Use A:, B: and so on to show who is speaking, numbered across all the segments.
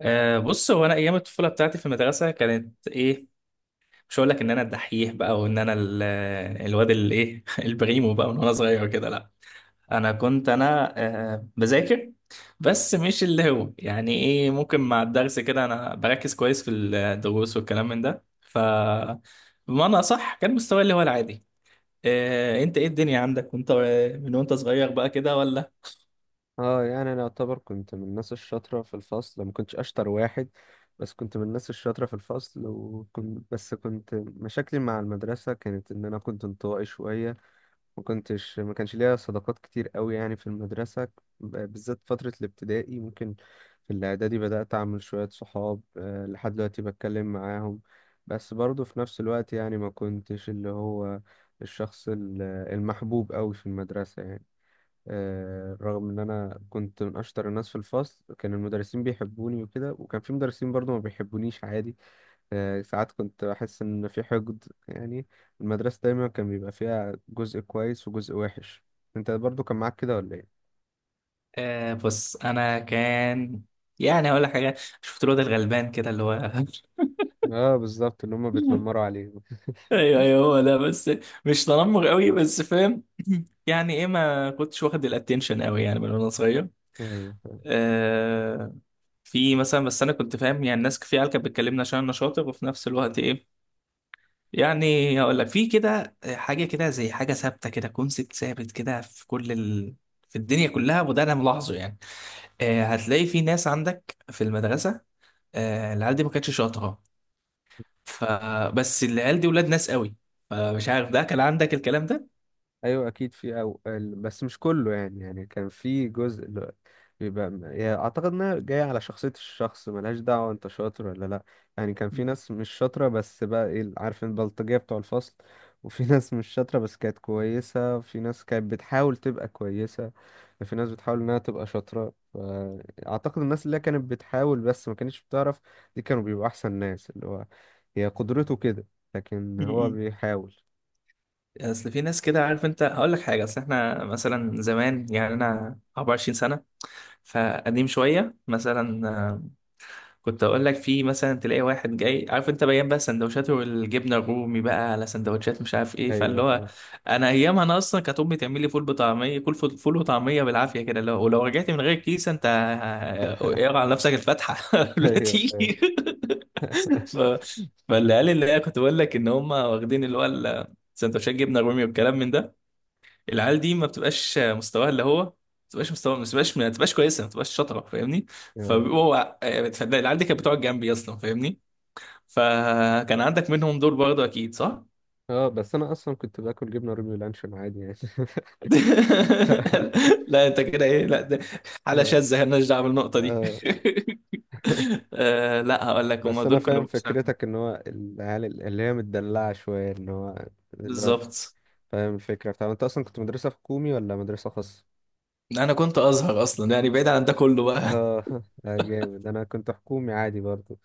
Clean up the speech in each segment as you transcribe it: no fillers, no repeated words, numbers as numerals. A: بص هو انا ايام الطفوله بتاعتي في المدرسه كانت ايه. مش هقول لك ان انا الدحيح بقى وان انا الواد اللي ايه البريمو بقى من وانا صغير كده. لا، انا كنت بذاكر، بس مش اللي هو يعني ايه، ممكن مع الدرس كده انا بركز كويس في الدروس والكلام من ده. بمعنى صح كان مستواي اللي هو العادي. انت ايه الدنيا عندك وانت من وانت صغير بقى كده ولا؟
B: اه، يعني انا اعتبر كنت من الناس الشاطره في الفصل. ما كنتش اشطر واحد، بس كنت من الناس الشاطره في الفصل. وكنت بس كنت مشاكلي مع المدرسه كانت ان انا كنت انطوائي شويه. ما كانش ليا صداقات كتير قوي يعني في المدرسه، بالذات فتره الابتدائي ممكن. في الاعدادي بدات اعمل شويه صحاب، آه، لحد دلوقتي بتكلم معاهم. بس برضه في نفس الوقت يعني ما كنتش اللي هو الشخص المحبوب قوي في المدرسه يعني. آه، رغم ان انا كنت من اشطر الناس في الفصل، كان المدرسين بيحبوني وكده، وكان في مدرسين برضو ما بيحبونيش عادي. آه، ساعات كنت بحس ان في حقد يعني. المدرسة دايما كان بيبقى فيها جزء كويس وجزء وحش. انت برضو كان معاك كده ولا ايه؟
A: بص انا كان، يعني هقول لك حاجه. شفت الواد الغلبان كده اللي هو
B: اه، بالظبط، اللي هما بيتنمروا عليه.
A: ايوه ايوه هو ده، بس مش تنمر قوي بس فاهم يعني ايه ما كنتش واخد الاتنشن قوي يعني من وانا صغير.
B: ايوه،
A: آه. في مثلا، بس انا كنت فاهم، يعني الناس في عيال كانت بتكلمني عشان انا شاطر، وفي نفس الوقت ايه، يعني هقول لك في كده حاجه كده، زي حاجه ثابته كده، كونسيبت ثابت كده في كل في الدنيا كلها، وده انا ملاحظه يعني. آه، هتلاقي في ناس عندك في المدرسه، آه العيال دي ما كانتش شاطره، فبس العيال دي ولاد ناس قوي. فمش عارف ده كان عندك الكلام ده؟
B: ايوه، اكيد في، بس مش كله يعني كان في يعني اعتقد انها جايه على شخصيه الشخص، ملهاش دعوه انت شاطر ولا لا. يعني كان في ناس مش شاطره، بس بقى ايه عارف، البلطجيه بتوع الفصل، وفي ناس مش شاطره بس كانت كويسه، وفي ناس كانت بتحاول تبقى كويسه، وفي ناس بتحاول انها تبقى شاطره. فاعتقد الناس اللي هي كانت بتحاول بس ما كانتش بتعرف، دي كانوا بيبقوا احسن ناس. اللي هو هي قدرته كده، لكن هو
A: م-م.
B: بيحاول.
A: اصل في ناس كده، عارف انت، هقول لك حاجه، اصل احنا مثلا زمان، يعني انا 24 سنه، فقديم شويه مثلا. كنت اقول لك في مثلا تلاقي واحد جاي، عارف انت، بيان بقى سندوتشاته والجبنه الرومي بقى على سندوتشات مش عارف ايه،
B: ايوه
A: فاللي هو
B: فاهم.
A: انا ايامها، انا اصلا كانت امي تعمل لي فول بطعميه، كل فول وطعميه بالعافيه كده، لو ولو رجعت من غير كيس انت، اقرا على نفسك الفاتحه قبل ما
B: ايوه فاهم.
A: تيجي. ف... فالعيال اللي هي كنت بقول لك ان هم واخدين اللي هو سندوتشات جبنه رومي والكلام من ده، العيال دي ما بتبقاش مستواها اللي هو، ما بتبقاش كويسه، ما بتبقاش شاطره، فاهمني.
B: اه.
A: فبيبقوا فالعيال العيال دي كانت بتقعد جنبي اصلا، فاهمني. فكان عندك منهم دول برضه اكيد صح؟
B: اه، بس انا اصلا كنت باكل جبنه رومي لانشون عادي يعني.
A: لا انت كده ايه، لا ده حاله
B: آه.
A: شاذه مالناش دعوه بالنقطه دي.
B: آه.
A: آه، لا هقول لك هم
B: بس انا
A: دول
B: فاهم
A: كانوا
B: فكرتك، ان هو العيال اللي هي متدلعه شويه، ان هو الواد.
A: بالظبط.
B: فاهم الفكره بتاع. انت اصلا كنت مدرسه حكومي ولا مدرسه خاصه؟
A: انا كنت ازهر اصلا، يعني بعيد عن ده كله بقى
B: اه. آه، جامد. انا كنت حكومي عادي برضو.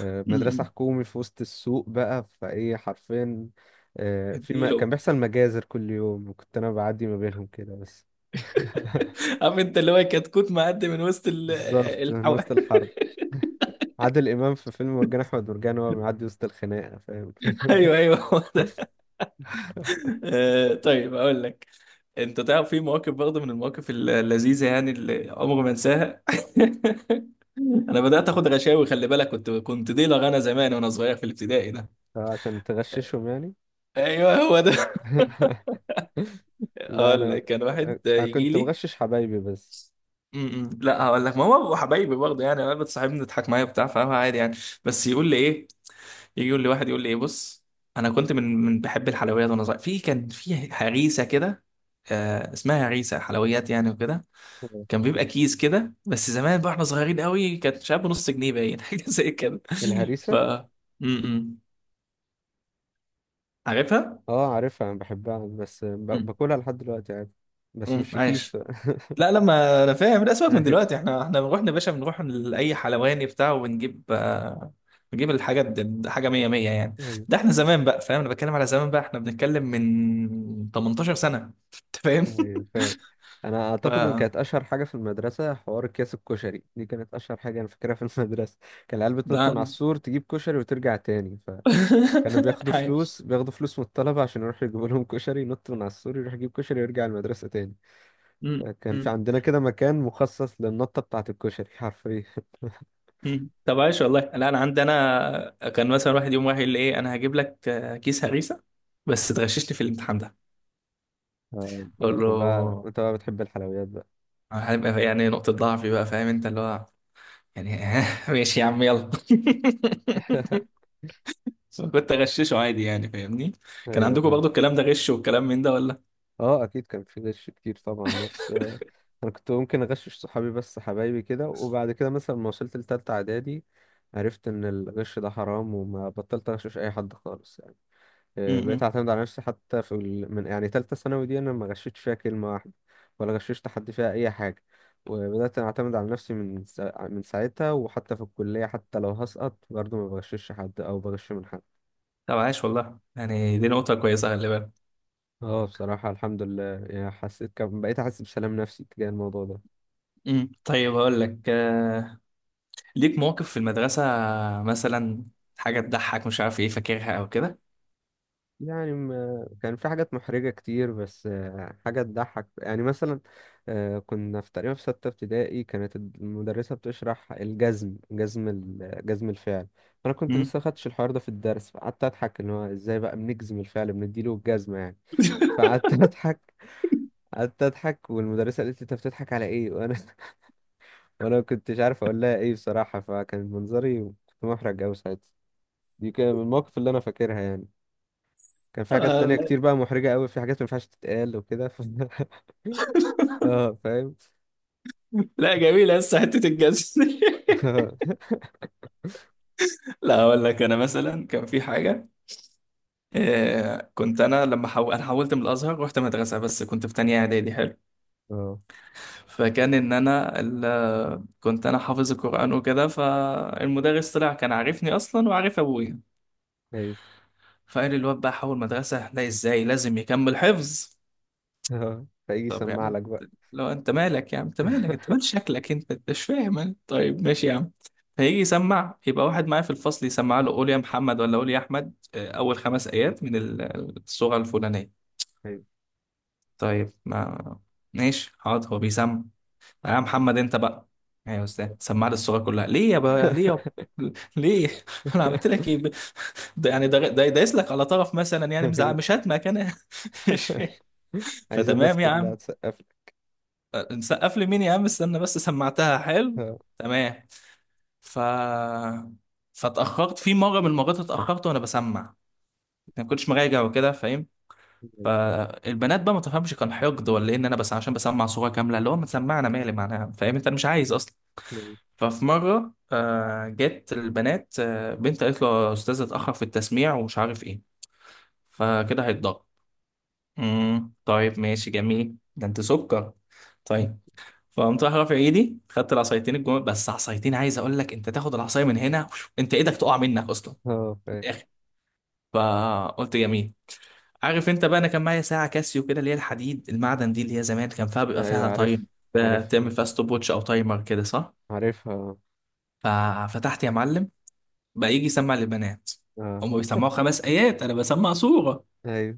B: آه، مدرسه
A: امم
B: حكومي في وسط السوق بقى، فايه حرفيا. آه، في ما كان
A: اديله.
B: بيحصل مجازر كل يوم، وكنت انا بعدي ما بينهم كده بس.
A: عارف انت اللي هو كتكوت معدي من وسط
B: بالظبط، من
A: الحو...
B: وسط الحرب. عادل امام في فيلم مرجان احمد مرجان، وهو بيعدي وسط الخناقه، فاهم.
A: ايوه ايوه هو ده. آه، طيب اقول لك، انت تعرف في مواقف برضه من المواقف اللذيذه يعني اللي عمري ما انساها انا بدات اخد غشاوي، خلي بالك كنت ديلر انا زمان وانا صغير في الابتدائي ده.
B: عشان تغششهم يعني.
A: ايوه هو ده
B: لا،
A: اقول
B: انا
A: لك كان واحد
B: انا
A: يجي
B: كنت
A: لي،
B: بغشش حبايبي بس.
A: م- م. لا هقول لك، ما هو حبايبي برضه، يعني انا بتصاحبني تضحك معايا بتاع، فاهم، عادي يعني، بس يقول لي ايه، يجي يقول لي واحد يقول لي ايه بص، انا كنت من بحب الحلويات وانا صغير، في كان في هريسه كده، آه اسمها هريسه حلويات يعني وكده، كان بيبقى كيس كده، بس زمان بقى احنا صغيرين قوي، كانت مش عارف نص جنيه باين حاجه زي كده. ف
B: الهريسه.
A: م -م. عارفها؟
B: اه، عارفها، انا بحبها، بس
A: م
B: باكلها لحد دلوقتي عادي. بس
A: -م.
B: مش في كيس
A: عايش.
B: بقى.
A: لا لا، ما انا فاهم، لا سيبك من
B: ايوه.
A: دلوقتي، احنا بنروح يا باشا، بنروح لاي حلواني بتاع وبنجيب، بنجيب الحاجات دي حاجه 100 100 يعني.
B: ايوه.
A: ده احنا زمان بقى، فاهم، انا بتكلم على زمان بقى، احنا بنتكلم من 18 سنه، انت فاهم.
B: ايوه فاهم. انا
A: ف
B: اعتقد ان كانت اشهر حاجه في المدرسه حوار اكياس الكشري، دي كانت اشهر حاجه انا فاكرها في المدرسه. كان العيال
A: ده
B: بتنط من على
A: انا
B: السور تجيب كشري وترجع تاني. كانوا بياخدوا
A: عايش.
B: فلوس بياخدوا فلوس من الطلبة عشان يروحوا يجيبوا لهم كشري، ينط من على السور يروح يجيب كشري ويرجع المدرسة تاني.
A: م-
B: كان في
A: م-
B: عندنا كده مكان مخصص للنطة بتاعة الكشري حرفيا.
A: م. طب عايش والله. لا انا عندي انا، كان مثلا واحد يوم يقول لي ايه، انا هجيب لك كيس هريسه، بس تغششني في الامتحان ده.
B: آه،
A: اقول
B: انت
A: له
B: بقى انت بقى بتحب الحلويات بقى.
A: هيبقى يعني نقطه ضعفي بقى، فاهم انت اللي هو، يعني ماشي يا عم، يلا بس أنا كنت اغششه عادي، يعني فاهمني. كان
B: ايوه
A: عندكم
B: فاهم.
A: برضو الكلام ده، غش والكلام من ده، ولا؟
B: اه، اكيد كان في غش كتير طبعا، بس آه، انا كنت ممكن اغشش صحابي، بس حبايبي كده. وبعد كده مثلا ما وصلت لتالتة اعدادي، عرفت ان الغش ده حرام وما بطلت اغشش اي حد خالص. آه، بقيت
A: امم
B: اعتمد على نفسي حتى في من يعني تالتة ثانوي دي، انا ما غشيتش فيها كلمة واحدة ولا غششت حد فيها اي حاجة. وبدأت اعتمد على نفسي من من ساعتها، وحتى في الكلية حتى لو هسقط برضه ما بغشش حد او بغش من حد.
A: طب عاش والله، يعني دي نقطة كويسة، خلي بالك.
B: اه، بصراحة الحمد لله. يعني حسيت كم بقيت احس بسلام نفسي تجاه الموضوع ده.
A: طيب هقول لك، ليك مواقف في المدرسة مثلا، حاجة تضحك مش عارف ايه، فاكرها او كده؟
B: يعني ما كان في حاجات محرجة كتير، بس آه، حاجة تضحك يعني مثلا. آه، كنا في تقريبا في ستة ابتدائي، كانت المدرسة بتشرح الجزم جزم الفعل. أنا كنت
A: أمم.
B: لسه خدتش الحوار ده في الدرس، فقعدت أضحك إن هو إزاي بقى بنجزم الفعل، بنديله الجزمة يعني. فقعدت أضحك. قعدت أضحك والمدرسة قالت لي أنت بتضحك على إيه، وأنا وأنا ما كنتش عارف أقول لها إيه بصراحة. فكان منظري كنت محرج أوي ساعتها. دي كان من المواقف اللي أنا فاكرها يعني. كان في حاجات
A: آه،
B: تانية
A: لا
B: كتير بقى محرجة قوي، في حاجات ما ينفعش تتقال وكده اه فاهم.
A: لا، جميلة لسه حتة الجزم لا اقول لك، انا مثلا كان في حاجة، كنت انا لما انا حولت من الازهر، رحت مدرسة، بس كنت في تانية اعدادي، حلو.
B: اه.
A: فكان ان انا كنت انا حافظ القران وكده، فالمدرس طلع كان عارفني اصلا وعارف ابويا،
B: ايوه.
A: فقال الواد بقى حول مدرسه، لا ازاي، لازم يكمل حفظ.
B: اه، فيجي
A: طب
B: يسمع
A: يعني
B: لك بقى.
A: لو انت مالك يا عم، انت مالك، انت مال شكلك انت، انت مش فاهم أنت. طيب ماشي يا عم. فيجي يسمع، يبقى واحد معايا في الفصل يسمع له، قول يا محمد ولا قول يا احمد، اول خمس ايات من السوره الفلانيه.
B: ايوه.
A: طيب، ما ماشي حاضر، هو بيسمع. يا محمد انت بقى. ايوه يا استاذ، سمعني الصوره كلها ليه يا بقى، ليه يا ليه، انا عملت لك ايه، ب- ده يعني ده ده- دايس لك على طرف مثلا يعني، مزعل،
B: أيوه.
A: مش هاتمك انا مش
B: عايز الناس
A: فتمام يا
B: كلها
A: عم،
B: تسقف لك.
A: نسقف لي مين يا عم، استنى بس، سمعتها حلو،
B: اه.
A: تمام. ف فاتاخرت في مره من المرات، اتاخرت وانا بسمع، ما كنتش مراجع وكده، فاهم، فالبنات بقى ما تفهمش، كان حقد ولا ايه، ان انا بس عشان بسمع صوره كامله اللي هو، ما تسمعنا، مالي، معناها فاهم انت، مش عايز.
B: أيوه.
A: ففي مرة جت البنات، بنت قالت له، يا أستاذ اتأخر في التسميع ومش عارف إيه، فكده هيتضرب. طيب ماشي جميل، ده أنت سكر، طيب. فقمت راح رافع إيدي، خدت العصايتين الجمل، بس عصايتين، عايز أقول لك، أنت تاخد العصاية من هنا وش-، أنت إيدك تقع منك أصلا
B: اه
A: في
B: فاهم.
A: الآخر. فقلت جميل، عارف أنت بقى، أنا كان معايا ساعة كاسيو كده، اللي هي الحديد المعدن دي، اللي هي زمان كان فيها، بيبقى
B: ايوه
A: فيها
B: عارف.
A: تايم، تعمل
B: عارفها،
A: فيها ستوب ووتش أو تايمر كده، صح.
B: عارفها، اه.
A: ففتحت يا معلم. بقى يجي يسمع للبنات،
B: آه.
A: هم بيسمعوا خمس ايات، انا بسمع سوره.
B: ايوه.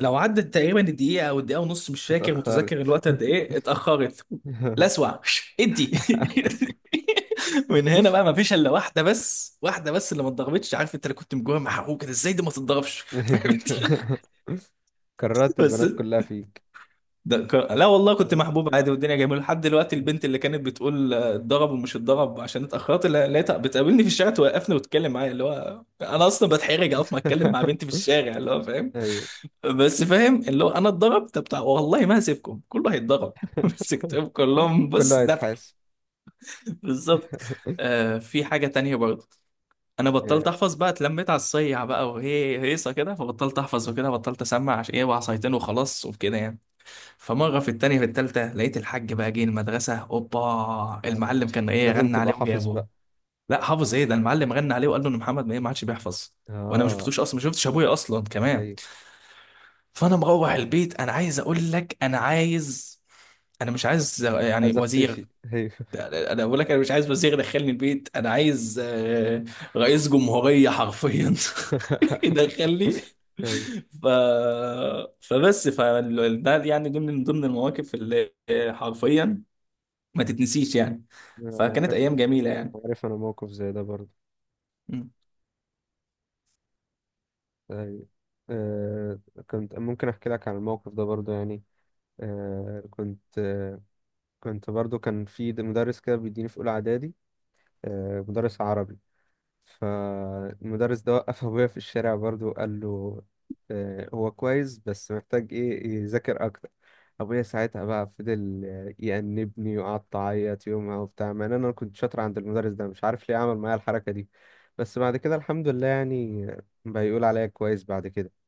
A: لو عدت تقريبا الدقيقه او الدقيقه ونص، مش فاكر،
B: اتأخرت.
A: متذكر الوقت قد ايه اتاخرت. لا اسمع، ادي من هنا بقى ما فيش الا واحده بس، واحده بس اللي ما اتضربتش، عارف انت اللي كنت مجوه محروق كده، ازاي دي ما تتضربش
B: ايوه. كررت
A: بس
B: البنات كلها فيك.
A: ده لا والله كنت
B: اه.
A: محبوب عادي، والدنيا جميله لحد دلوقتي، البنت اللي كانت بتقول اتضرب ومش اتضرب عشان اتاخرت، لقيتها بتقابلني في الشارع، توقفني وتتكلم معايا، اللي هو انا اصلا بتحرج اقف ما اتكلم مع بنتي في الشارع، اللي هو فاهم،
B: ايوه.
A: بس فاهم اللي هو انا اتضرب. طب والله ما هسيبكم، كله هيتضرب مسكتهم كلهم، بص
B: كله
A: ذبح.
B: هيتحاسب.
A: بالظبط. آه، في حاجه تانية برضه. انا بطلت
B: آه،
A: احفظ بقى، اتلميت على الصيع بقى، وهي هيصه كده، فبطلت احفظ وكده، بطلت اسمع، عشان ايه، وعصايتين وخلاص وكده يعني. فمرة في التانية في التالتة، لقيت الحاج بقى جه المدرسة، اوبا،
B: آه.
A: المعلم كان ايه،
B: لازم
A: غنى
B: تبقى
A: عليه
B: حافظ
A: وجابه.
B: بقى.
A: لا حافظ ايه، ده المعلم غنى عليه وقال له ان محمد ما ايه ما عادش بيحفظ. وانا ما
B: اه.
A: شفتوش اصلا، ما شفتش ابويا اصلا كمان.
B: ايوه،
A: فانا مروح البيت، انا عايز اقول لك، انا عايز، انا مش عايز يعني
B: عايز اختفي.
A: وزير،
B: ايوه.
A: انا بقول لك انا مش عايز وزير يدخلني البيت، انا عايز رئيس جمهورية حرفيا يدخلني.
B: ايوه.
A: ف... فبس ف ده يعني دي من ضمن المواقف اللي، حرفيا، ما تتنسيش يعني.
B: انا
A: فكانت
B: عارف.
A: ايام جميلة
B: أنا
A: يعني.
B: عارف انا موقف زي ده برضه. ايوه. آه. كنت ممكن احكي لك عن الموقف ده برضه يعني. آه كنت برضه كان في مدرس كده بيديني في اولى اعدادي، آه مدرس عربي. فالمدرس ده وقف أبويا في الشارع برضه وقال له آه، هو كويس بس محتاج إيه يذاكر أكتر. أبويا ساعتها بقى فضل آه، يأنبني، وقعدت أعيط يومها وبتاع، مع إن أنا كنت شاطر عند المدرس ده، مش عارف ليه عمل معايا الحركة دي. بس بعد كده الحمد لله يعني، بيقول عليا كويس بعد كده.